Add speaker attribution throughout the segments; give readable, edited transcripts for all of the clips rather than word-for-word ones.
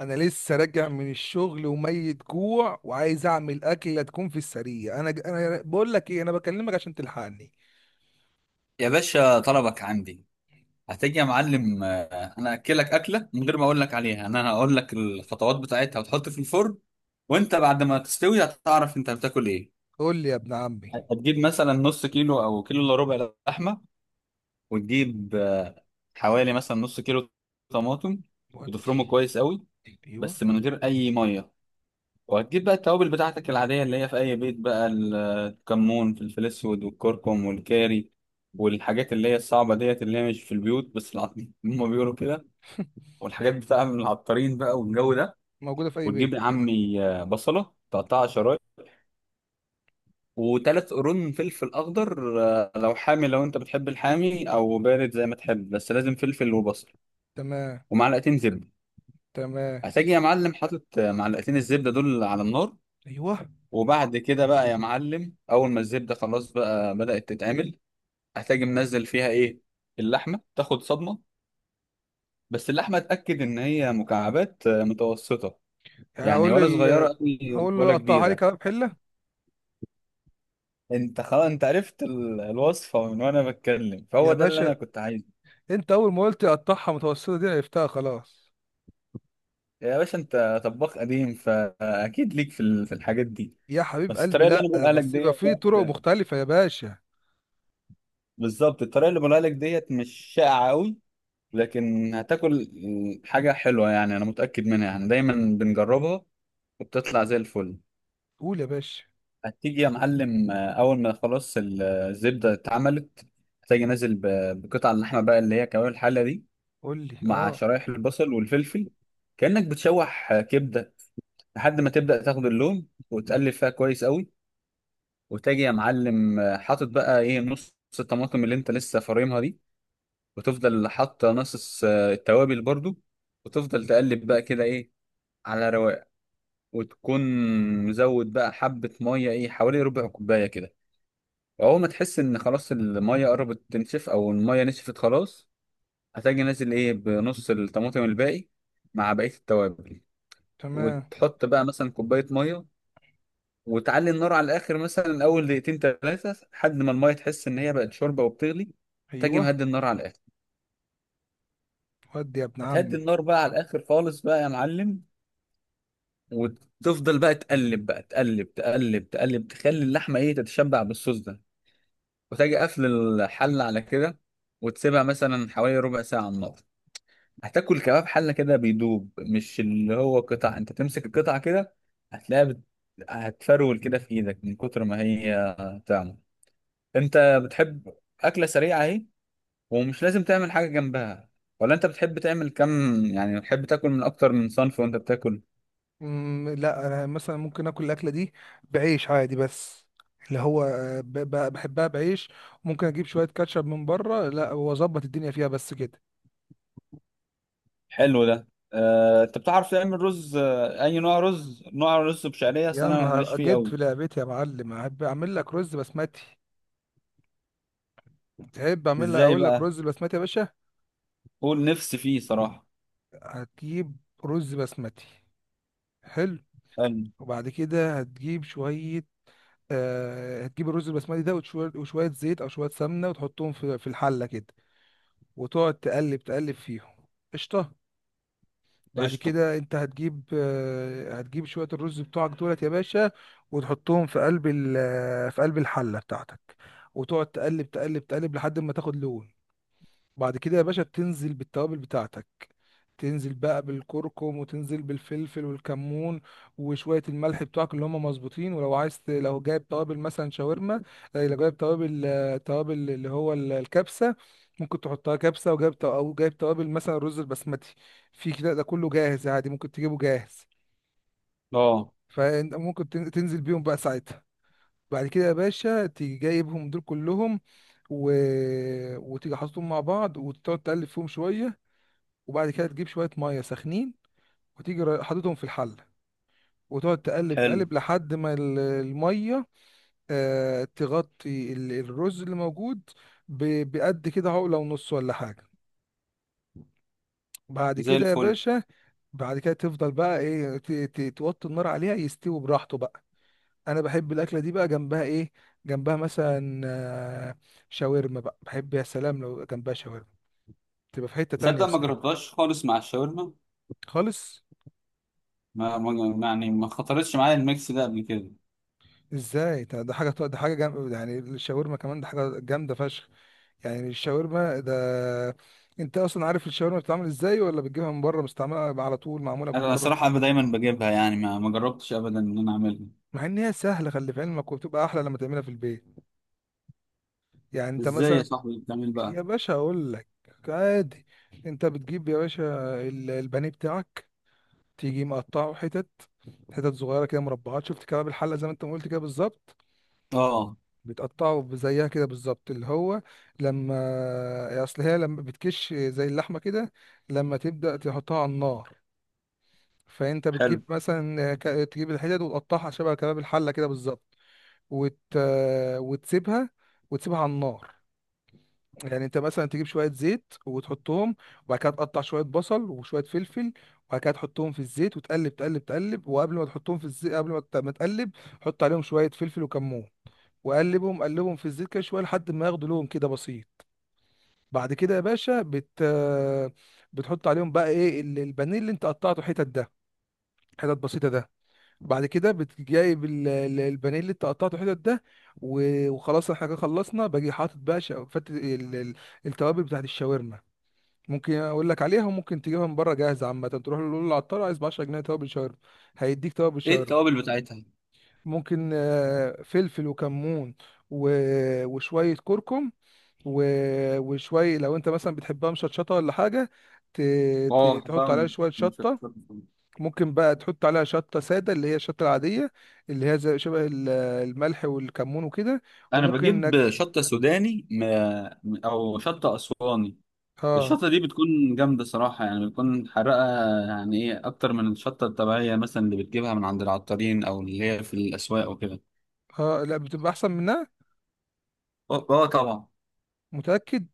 Speaker 1: انا لسه راجع من الشغل وميت جوع وعايز اعمل اكله تكون في السريع. انا بقول لك ايه، انا بكلمك عشان تلحقني.
Speaker 2: يا باشا، طلبك عندي. هتيجي يا معلم. انا اكلك اكله من غير ما اقول لك عليها. انا هقول لك الخطوات بتاعتها وتحط في الفرن، وانت بعد ما تستوي هتعرف انت بتاكل ايه.
Speaker 1: قول لي يا ابن عمي.
Speaker 2: هتجيب مثلا نص كيلو او كيلو الا ربع لحمه، وتجيب حوالي مثلا نص كيلو طماطم،
Speaker 1: ودي.
Speaker 2: وتفرمه كويس قوي
Speaker 1: ايوه،
Speaker 2: بس من غير اي ميه. وهتجيب بقى التوابل بتاعتك العادية اللي هي في أي بيت بقى: الكمون، فلفل أسود، والكركم، والكاري، والحاجات اللي هي الصعبة ديت اللي هي مش في البيوت بس العطارين هما بيقولوا كده، والحاجات بتاع من العطارين بقى والجو ده.
Speaker 1: موجوده في اي بيت.
Speaker 2: وتجيب يا عمي بصلة تقطعها شرايح، وتلات قرون فلفل أخضر، لو حامي لو أنت بتحب الحامي أو بارد زي ما تحب، بس لازم فلفل وبصل،
Speaker 1: تمام.
Speaker 2: ومعلقتين زبدة.
Speaker 1: تمام.
Speaker 2: هتجي يا معلم حاطط معلقتين الزبدة دول على النار،
Speaker 1: ايوه.
Speaker 2: وبعد كده بقى يا معلم اول ما الزبده خلاص بقى بدات تتعمل، هتجي منزل فيها ايه؟ اللحمه تاخد صدمه، بس اللحمه اتاكد ان هي مكعبات متوسطه،
Speaker 1: يعني
Speaker 2: يعني
Speaker 1: اقول
Speaker 2: ولا صغيره
Speaker 1: لل،
Speaker 2: قوي
Speaker 1: هقول له
Speaker 2: ولا
Speaker 1: قطعها لي
Speaker 2: كبيره.
Speaker 1: كباب حله.
Speaker 2: انت خلاص انت عرفت الوصفه من وانا بتكلم، فهو
Speaker 1: يا
Speaker 2: ده اللي
Speaker 1: باشا،
Speaker 2: انا كنت عايزه.
Speaker 1: انت اول ما قلت قطعها متوسطه دي عرفتها خلاص.
Speaker 2: يا باشا انت طباخ قديم فاكيد ليك في الحاجات دي.
Speaker 1: يا حبيب
Speaker 2: بس
Speaker 1: قلبي،
Speaker 2: الطريقه اللي انا
Speaker 1: لا
Speaker 2: بقولها لك
Speaker 1: بس يبقى
Speaker 2: ديت،
Speaker 1: في طرق مختلفه يا باشا.
Speaker 2: بالظبط الطريقه اللي بقولها لك ديت مش شائعه قوي، لكن هتاكل حاجة حلوة. يعني أنا متأكد منها، يعني دايما بنجربها وبتطلع زي الفل.
Speaker 1: قول يا باشا.
Speaker 2: هتيجي يا معلم، أول ما خلاص الزبدة اتعملت، هتيجي نازل بقطع اللحمة بقى اللي هي كوارع الحلة دي،
Speaker 1: قول لي
Speaker 2: مع
Speaker 1: اه.
Speaker 2: شرايح البصل والفلفل، كأنك بتشوح كبدة، لحد ما تبدأ تاخد اللون وتقلب فيها كويس قوي. وتاجي يا معلم حاطط بقى إيه، نص الطماطم اللي أنت لسه فارمها دي، وتفضل حاطة نص التوابل برضو، وتفضل تقلب بقى كده إيه، على رواق، وتكون مزود بقى حبة مية، ايه، حوالي ربع كوباية كده. اول ما تحس ان خلاص المية قربت تنشف او المية نشفت خلاص، هتجي نازل ايه بنص الطماطم الباقي مع بقية التوابل،
Speaker 1: تمام.
Speaker 2: وتحط بقى مثلا كوباية مية، وتعلي النار على الاخر مثلا اول دقيقتين ثلاثة، لحد ما المية تحس ان هي بقت شوربة وبتغلي. تجي
Speaker 1: ايوه.
Speaker 2: مهدي النار على الاخر.
Speaker 1: ودي يا ابن عمي.
Speaker 2: هتهدي النار بقى على الاخر خالص بقى يا معلم، وتفضل بقى تقلب بقى، تقلب تقلب تقلب، تخلي اللحمة ايه، تتشبع بالصوص ده. وتجي قافل الحلة على كده، وتسيبها مثلا حوالي ربع ساعة على النار. هتاكل كباب حلة كده بيدوب، مش اللي هو قطع انت تمسك القطعة كده، هتلاقيها هتفرول كده في ايدك من كتر ما هي تعمل. انت بتحب أكلة سريعة اهي، ومش لازم تعمل حاجة جنبها، ولا انت بتحب تعمل كم، يعني بتحب تاكل من اكتر من صنف وانت بتاكل؟
Speaker 1: لا انا مثلا ممكن اكل الاكله دي بعيش عادي، بس اللي هو بحبها بعيش. ممكن اجيب شويه كاتشب من بره لا واظبط الدنيا فيها بس كده.
Speaker 2: حلو ده. انت بتعرف تعمل رز؟ اي نوع رز بشعرية،
Speaker 1: يا
Speaker 2: اصل انا ماليش
Speaker 1: نهار
Speaker 2: فيه
Speaker 1: جيت
Speaker 2: قوي.
Speaker 1: في لعبتي يا معلم، احب اعمل لك رز بسمتي. تحب اعمل لك
Speaker 2: ازاي
Speaker 1: اقول لك
Speaker 2: بقى؟
Speaker 1: رز بسمتي يا باشا؟
Speaker 2: قول، نفسي فيه صراحة.
Speaker 1: هتجيب رز بسمتي. حلو.
Speaker 2: حلو.
Speaker 1: وبعد كده هتجيب شويه، هتجيب الرز البسمتي ده وشويه وشوية زيت او شويه سمنه وتحطهم في الحله كده، وتقعد تقلب فيهم. قشطه. بعد
Speaker 2: قشطة.
Speaker 1: كده انت هتجيب هتجيب شوية الرز بتوعك دولت يا باشا، وتحطهم في قلب في قلب الحلة بتاعتك، وتقعد تقلب تقلب لحد ما تاخد لون. بعد كده يا باشا تنزل بالتوابل بتاعتك، تنزل بقى بالكركم وتنزل بالفلفل والكمون وشوية الملح بتوعك اللي هم مظبوطين. ولو عايز لو جايب توابل مثلا شاورما، لو جايب توابل، توابل اللي هو الكبسة، ممكن تحطها كبسة. وجايب أو جايب توابل مثلا رز البسمتي، في كده ده كله جاهز عادي، ممكن تجيبه جاهز.
Speaker 2: اه،
Speaker 1: فأنت ممكن تنزل بيهم بقى ساعتها. بعد كده يا باشا تيجي جايبهم دول كلهم و... وتيجي حاططهم مع بعض وتقعد تقلب فيهم شوية، وبعد كده تجيب شوية مية سخنين وتيجي حاططهم في الحلة، وتقعد تقلب
Speaker 2: حلو.
Speaker 1: تقلب لحد ما المية تغطي الرز اللي موجود بقد كده عقلة ونص ولا حاجة. بعد
Speaker 2: زي
Speaker 1: كده يا
Speaker 2: الفل.
Speaker 1: باشا، بعد كده تفضل بقى ايه توطي النار عليها يستوي براحته بقى. انا بحب الاكلة دي بقى جنبها ايه؟ جنبها مثلا آه، شاورما بقى، بحب يا سلام لو جنبها شاورما، تبقى في حتة
Speaker 2: تصدق
Speaker 1: تانية
Speaker 2: ما
Speaker 1: بصراحة.
Speaker 2: جربتهاش خالص مع الشاورما.
Speaker 1: خالص.
Speaker 2: يعني ما خطرتش معايا الميكس ده قبل كده.
Speaker 1: ازاي ده، ده حاجة ده حاجة جامدة، يعني الشاورما كمان ده حاجة جامدة فشخ. يعني الشاورما ده، انت اصلا عارف الشاورما بتتعمل ازاي ولا بتجيبها من بره مستعمله على طول، معموله من
Speaker 2: انا
Speaker 1: بره؟
Speaker 2: صراحة أبقى دايما بجيبها، يعني ما ما جربتش ابدا ان انا اعملها.
Speaker 1: مع ان هي سهله، خلي في علمك، وبتبقى احلى لما تعملها في البيت. يعني انت
Speaker 2: ازاي يا
Speaker 1: مثلا،
Speaker 2: صاحبي بتعمل بقى؟
Speaker 1: يا باشا اقول لك. عادي، انت بتجيب يا باشا البانيه بتاعك، تيجي مقطعه حتت، حتت صغيره كده مربعات، شفت كباب الحله زي ما انت ما قلت كده بالظبط؟
Speaker 2: اه.
Speaker 1: بتقطعه زيها كده بالظبط اللي هو، لما اصل هي لما بتكش زي اللحمه كده لما تبدا تحطها على النار. فانت
Speaker 2: حلو.
Speaker 1: بتجيب مثلا تجيب الحتت وتقطعها شبه كباب الحله كده بالظبط. وت... وتسيبها، وتسيبها على النار. يعني انت مثلا تجيب شويه زيت وتحطهم، وبعد كده تقطع شويه بصل وشويه فلفل، وبعد كده تحطهم في الزيت وتقلب تقلب. وقبل ما تحطهم في الزيت، قبل ما تقلب، حط عليهم شويه فلفل وكمون، وقلبهم قلبهم في الزيت كده شويه لحد ما ياخدوا لون كده بسيط. بعد كده يا باشا بتحط عليهم بقى ايه البانيه اللي انت قطعته حتت ده، حتت بسيطه ده. بعد كده جايب البانيه اللي انت قطعته حتت ده، وخلاص احنا كده خلصنا. باجي حاطط بقى التوابل بتاعت الشاورما. ممكن اقول لك عليها، وممكن تجيبها من بره جاهزه، عامه تروح له تقول له العطار عايز ب 10 جنيه توابل شاورما، هيديك توابل
Speaker 2: ايه
Speaker 1: شاورما.
Speaker 2: التوابل بتاعتها؟
Speaker 1: ممكن فلفل وكمون و... وشويه كركم و... وشويه، لو انت مثلا بتحبها مشطشطه ولا حاجه، ت... ت...
Speaker 2: اه
Speaker 1: تحط
Speaker 2: بحبها
Speaker 1: عليها شويه شطه.
Speaker 2: مشطشطة.
Speaker 1: ممكن بقى تحط عليها شطة سادة اللي هي الشطة العادية، اللي هي زي شبه الملح والكمون وكده.
Speaker 2: انا
Speaker 1: وممكن انك،
Speaker 2: بجيب شطة سوداني، او شطة اسواني.
Speaker 1: اه.
Speaker 2: الشطة دي بتكون جامدة صراحة، يعني بتكون حرقة، يعني ايه أكتر من الشطة الطبيعية مثلا اللي بتجيبها من عند العطارين أو اللي هي في الأسواق وكده.
Speaker 1: اه، لا بتبقى احسن منها.
Speaker 2: اه. آه طبعا.
Speaker 1: متأكد.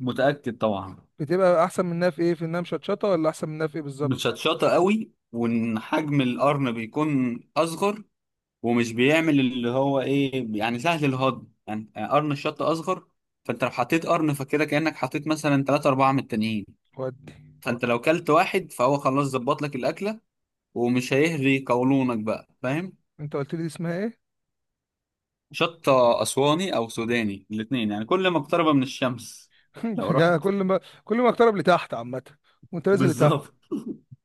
Speaker 2: متأكد طبعا.
Speaker 1: بتبقى احسن منها في ايه، في انها مشطشطة، ولا احسن منها في ايه بالظبط؟
Speaker 2: متشطشطة قوي، وإن حجم القرن بيكون أصغر، ومش بيعمل اللي هو ايه، يعني سهل الهضم، يعني قرن الشطة أصغر، فأنت لو حطيت قرن فكده كأنك حطيت مثلا تلاتة أربعة من التانيين،
Speaker 1: ودي.
Speaker 2: فأنت لو كلت واحد فهو خلاص ظبط لك الأكلة، ومش هيهري قولونك بقى، فاهم.
Speaker 1: انت قلت لي دي اسمها ايه؟
Speaker 2: شط أسواني أو سوداني، الاتنين يعني كل ما اقترب من الشمس. لو رحت
Speaker 1: بجد، كل ما كل ما اقترب لتحت عامة، وانت نازل لتحت.
Speaker 2: بالظبط.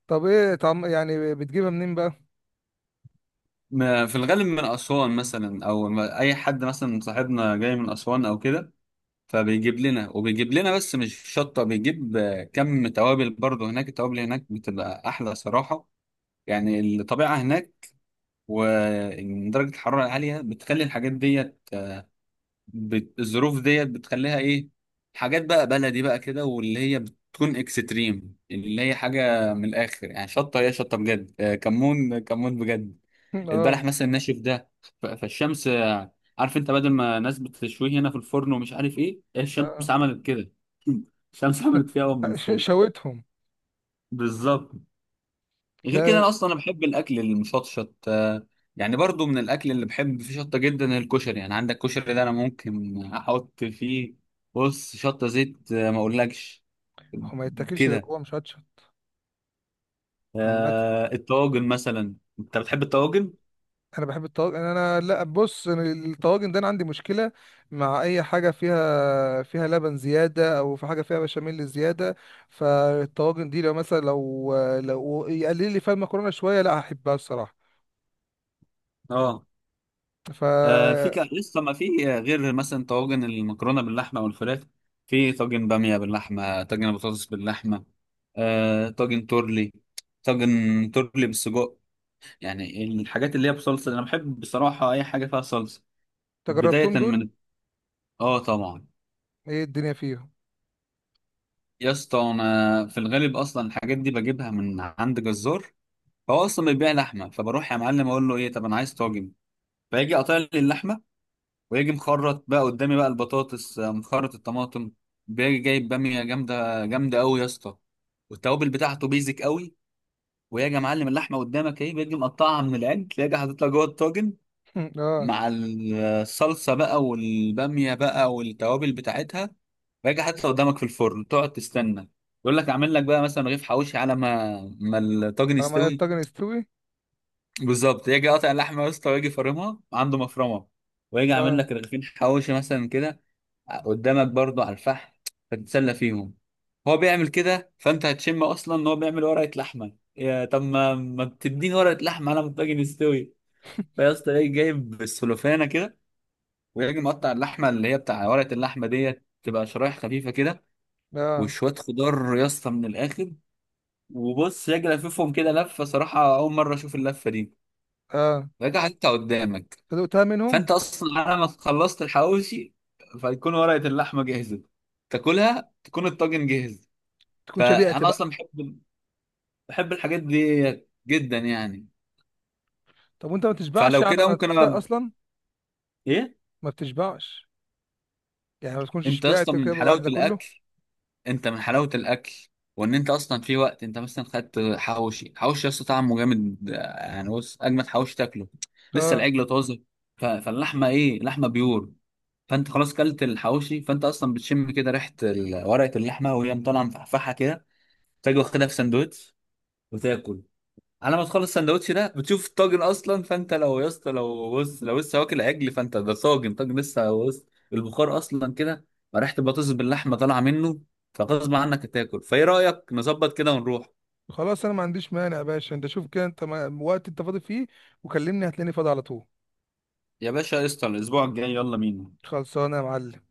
Speaker 1: طب ايه طعم، يعني بتجيبها منين بقى؟
Speaker 2: في الغالب من أسوان مثلا، أو أي حد مثلا صاحبنا جاي من أسوان أو كده فبيجيب لنا، وبيجيب لنا بس مش شطة، بيجيب كم توابل برضه، هناك التوابل هناك بتبقى أحلى صراحة، يعني الطبيعة هناك ودرجة الحرارة عالية بتخلي الحاجات دي الظروف ديت بتخليها ايه، حاجات بقى بلدي بقى كده، واللي هي بتكون اكستريم، اللي هي حاجه من الاخر، يعني شطه هي شطه بجد، كمون كمون بجد. البلح
Speaker 1: اه.
Speaker 2: مثلا ناشف ده فالشمس عارف، انت بدل ما ناس بتشويه هنا في الفرن ومش عارف ايه، الشمس
Speaker 1: آه.
Speaker 2: عملت كده. الشمس عملت فيها قوي من الفرن.
Speaker 1: شويتهم.
Speaker 2: بالظبط. غير كده
Speaker 1: لا
Speaker 2: انا اصلا انا بحب الاكل المشطشط. يعني برضو من الاكل اللي بحب فيه شطه جدا الكشري، يعني عندك كشري ده انا ممكن احط فيه، بص، شطه زيت ما اقولكش
Speaker 1: هو ما يتاكلش غير
Speaker 2: كده.
Speaker 1: هو مشطشط. عامة
Speaker 2: الطواجن مثلا، انت بتحب الطواجن؟
Speaker 1: انا بحب الطواجن، لا بص، أنا الطواجن ده انا عندي مشكله مع اي حاجه فيها، فيها لبن زياده او في حاجه فيها بشاميل زياده. فالطواجن دي لو مثلا لو يقلل لي فيها المكرونه شويه، لا هحبها الصراحه.
Speaker 2: اه.
Speaker 1: ف،
Speaker 2: في لسه ما في غير مثلا طواجن المكرونه باللحمه والفراخ، في طاجن باميه باللحمه، طاجن بطاطس باللحمه، طاجن تورلي، طاجن تورلي بالسجق، يعني الحاجات اللي هي بصلصه، انا بحب بصراحه اي حاجه فيها صلصه. بدايه
Speaker 1: تجربتهم دول؟
Speaker 2: من، اه طبعا.
Speaker 1: ايه الدنيا فيهم؟
Speaker 2: يا اسطى انا في الغالب اصلا الحاجات دي بجيبها من عند جزار، هو اصلا بيبيع لحمه، فبروح يا معلم اقول له ايه، طب انا عايز طاجن، فيجي قاطع لي اللحمه، ويجي مخرط بقى قدامي بقى البطاطس، مخرط الطماطم، بيجي جايب باميه جامده جامده قوي يا اسطى، والتوابل بتاعته بيزك قوي، ويجي يا معلم اللحمه قدامك اهي، بيجي مقطعها من العجل، يجي حاططها جوه الطاجن
Speaker 1: اه.
Speaker 2: مع الصلصة بقى والبامية بقى والتوابل بتاعتها، راجع حتى قدامك في الفرن، تقعد تستنى. يقول لك اعمل لك بقى مثلا رغيف حواوشي على ما ما الطاجن
Speaker 1: على ما
Speaker 2: يستوي،
Speaker 1: الطاجن يستوي.
Speaker 2: بالظبط، يجي قاطع اللحمه يا اسطى، ويجي فرمها عنده مفرمه، ويجي عامل
Speaker 1: اه.
Speaker 2: لك رغيفين حواوشي مثلا كده قدامك برضو على الفحم، فتتسلى فيهم. هو بيعمل كده فانت هتشم اصلا ان هو بيعمل ورقه لحمه، يا طب، ما ما تديني ورقه لحمه على ما الطاجن يستوي. فيا اسطى ايه، جايب السلوفانه كده، ويجي مقطع اللحمه اللي هي بتاع ورقه اللحمه ديت، تبقى شرايح خفيفه كده،
Speaker 1: اه.
Speaker 2: وشويه خضار يا اسطى من الاخر، وبص يجي لففهم كده لفه، صراحه اول مره اشوف اللفه دي،
Speaker 1: اه.
Speaker 2: راجع انت قدامك،
Speaker 1: فدقتها منهم.
Speaker 2: فانت اصلا على ما خلصت الحواوشي فيكون ورقه اللحمه جاهزه، تاكلها، تكون الطاجن جاهز.
Speaker 1: تكون شبعت
Speaker 2: فانا
Speaker 1: بقى.
Speaker 2: اصلا بحب الحاجات دي جدا يعني،
Speaker 1: طب وانت ما تشبعش
Speaker 2: فلو
Speaker 1: على
Speaker 2: كده
Speaker 1: ما
Speaker 2: ممكن
Speaker 1: تبدا اصلا؟
Speaker 2: ايه.
Speaker 1: ما بتشبعش، يعني ما تكونش
Speaker 2: انت
Speaker 1: شبعت
Speaker 2: اصلا
Speaker 1: كده
Speaker 2: من
Speaker 1: بعد
Speaker 2: حلاوه
Speaker 1: ده كله؟
Speaker 2: الاكل، انت من حلاوه الاكل، وان انت اصلا في وقت انت مثلا خدت حواوشي، حواوشي اصلا طعمه جامد يعني، بص اجمد حواوشي تاكله لسه
Speaker 1: آه.
Speaker 2: العجل طازه، فاللحمه ايه، لحمه بيور، فانت خلاص كلت الحواوشي، فانت اصلا بتشم كده ريحه ورقه اللحمه وهي مطالعه مفحفحه كده، تاجي واخدها في سندوتش وتاكل، على ما تخلص السندوتش ده بتشوف الطاجن اصلا، فانت لو يا اسطى لو بص لو لسه واكل عجل فانت ده طاجن، طاجن لسه، بص البخار اصلا كده، ريحه البطاطس باللحمه طالعه منه، فغصب عنك هتاكل. فايه رايك نظبط كده ونروح؟
Speaker 1: خلاص انا ما عنديش مانع يا باشا، انت شوف كده انت وقت انت فاضي فيه وكلمني، هتلاقيني فاضي على طول.
Speaker 2: يا باشا قشطة، الأسبوع الجاي يلا بينا.
Speaker 1: خلصانه يا معلم.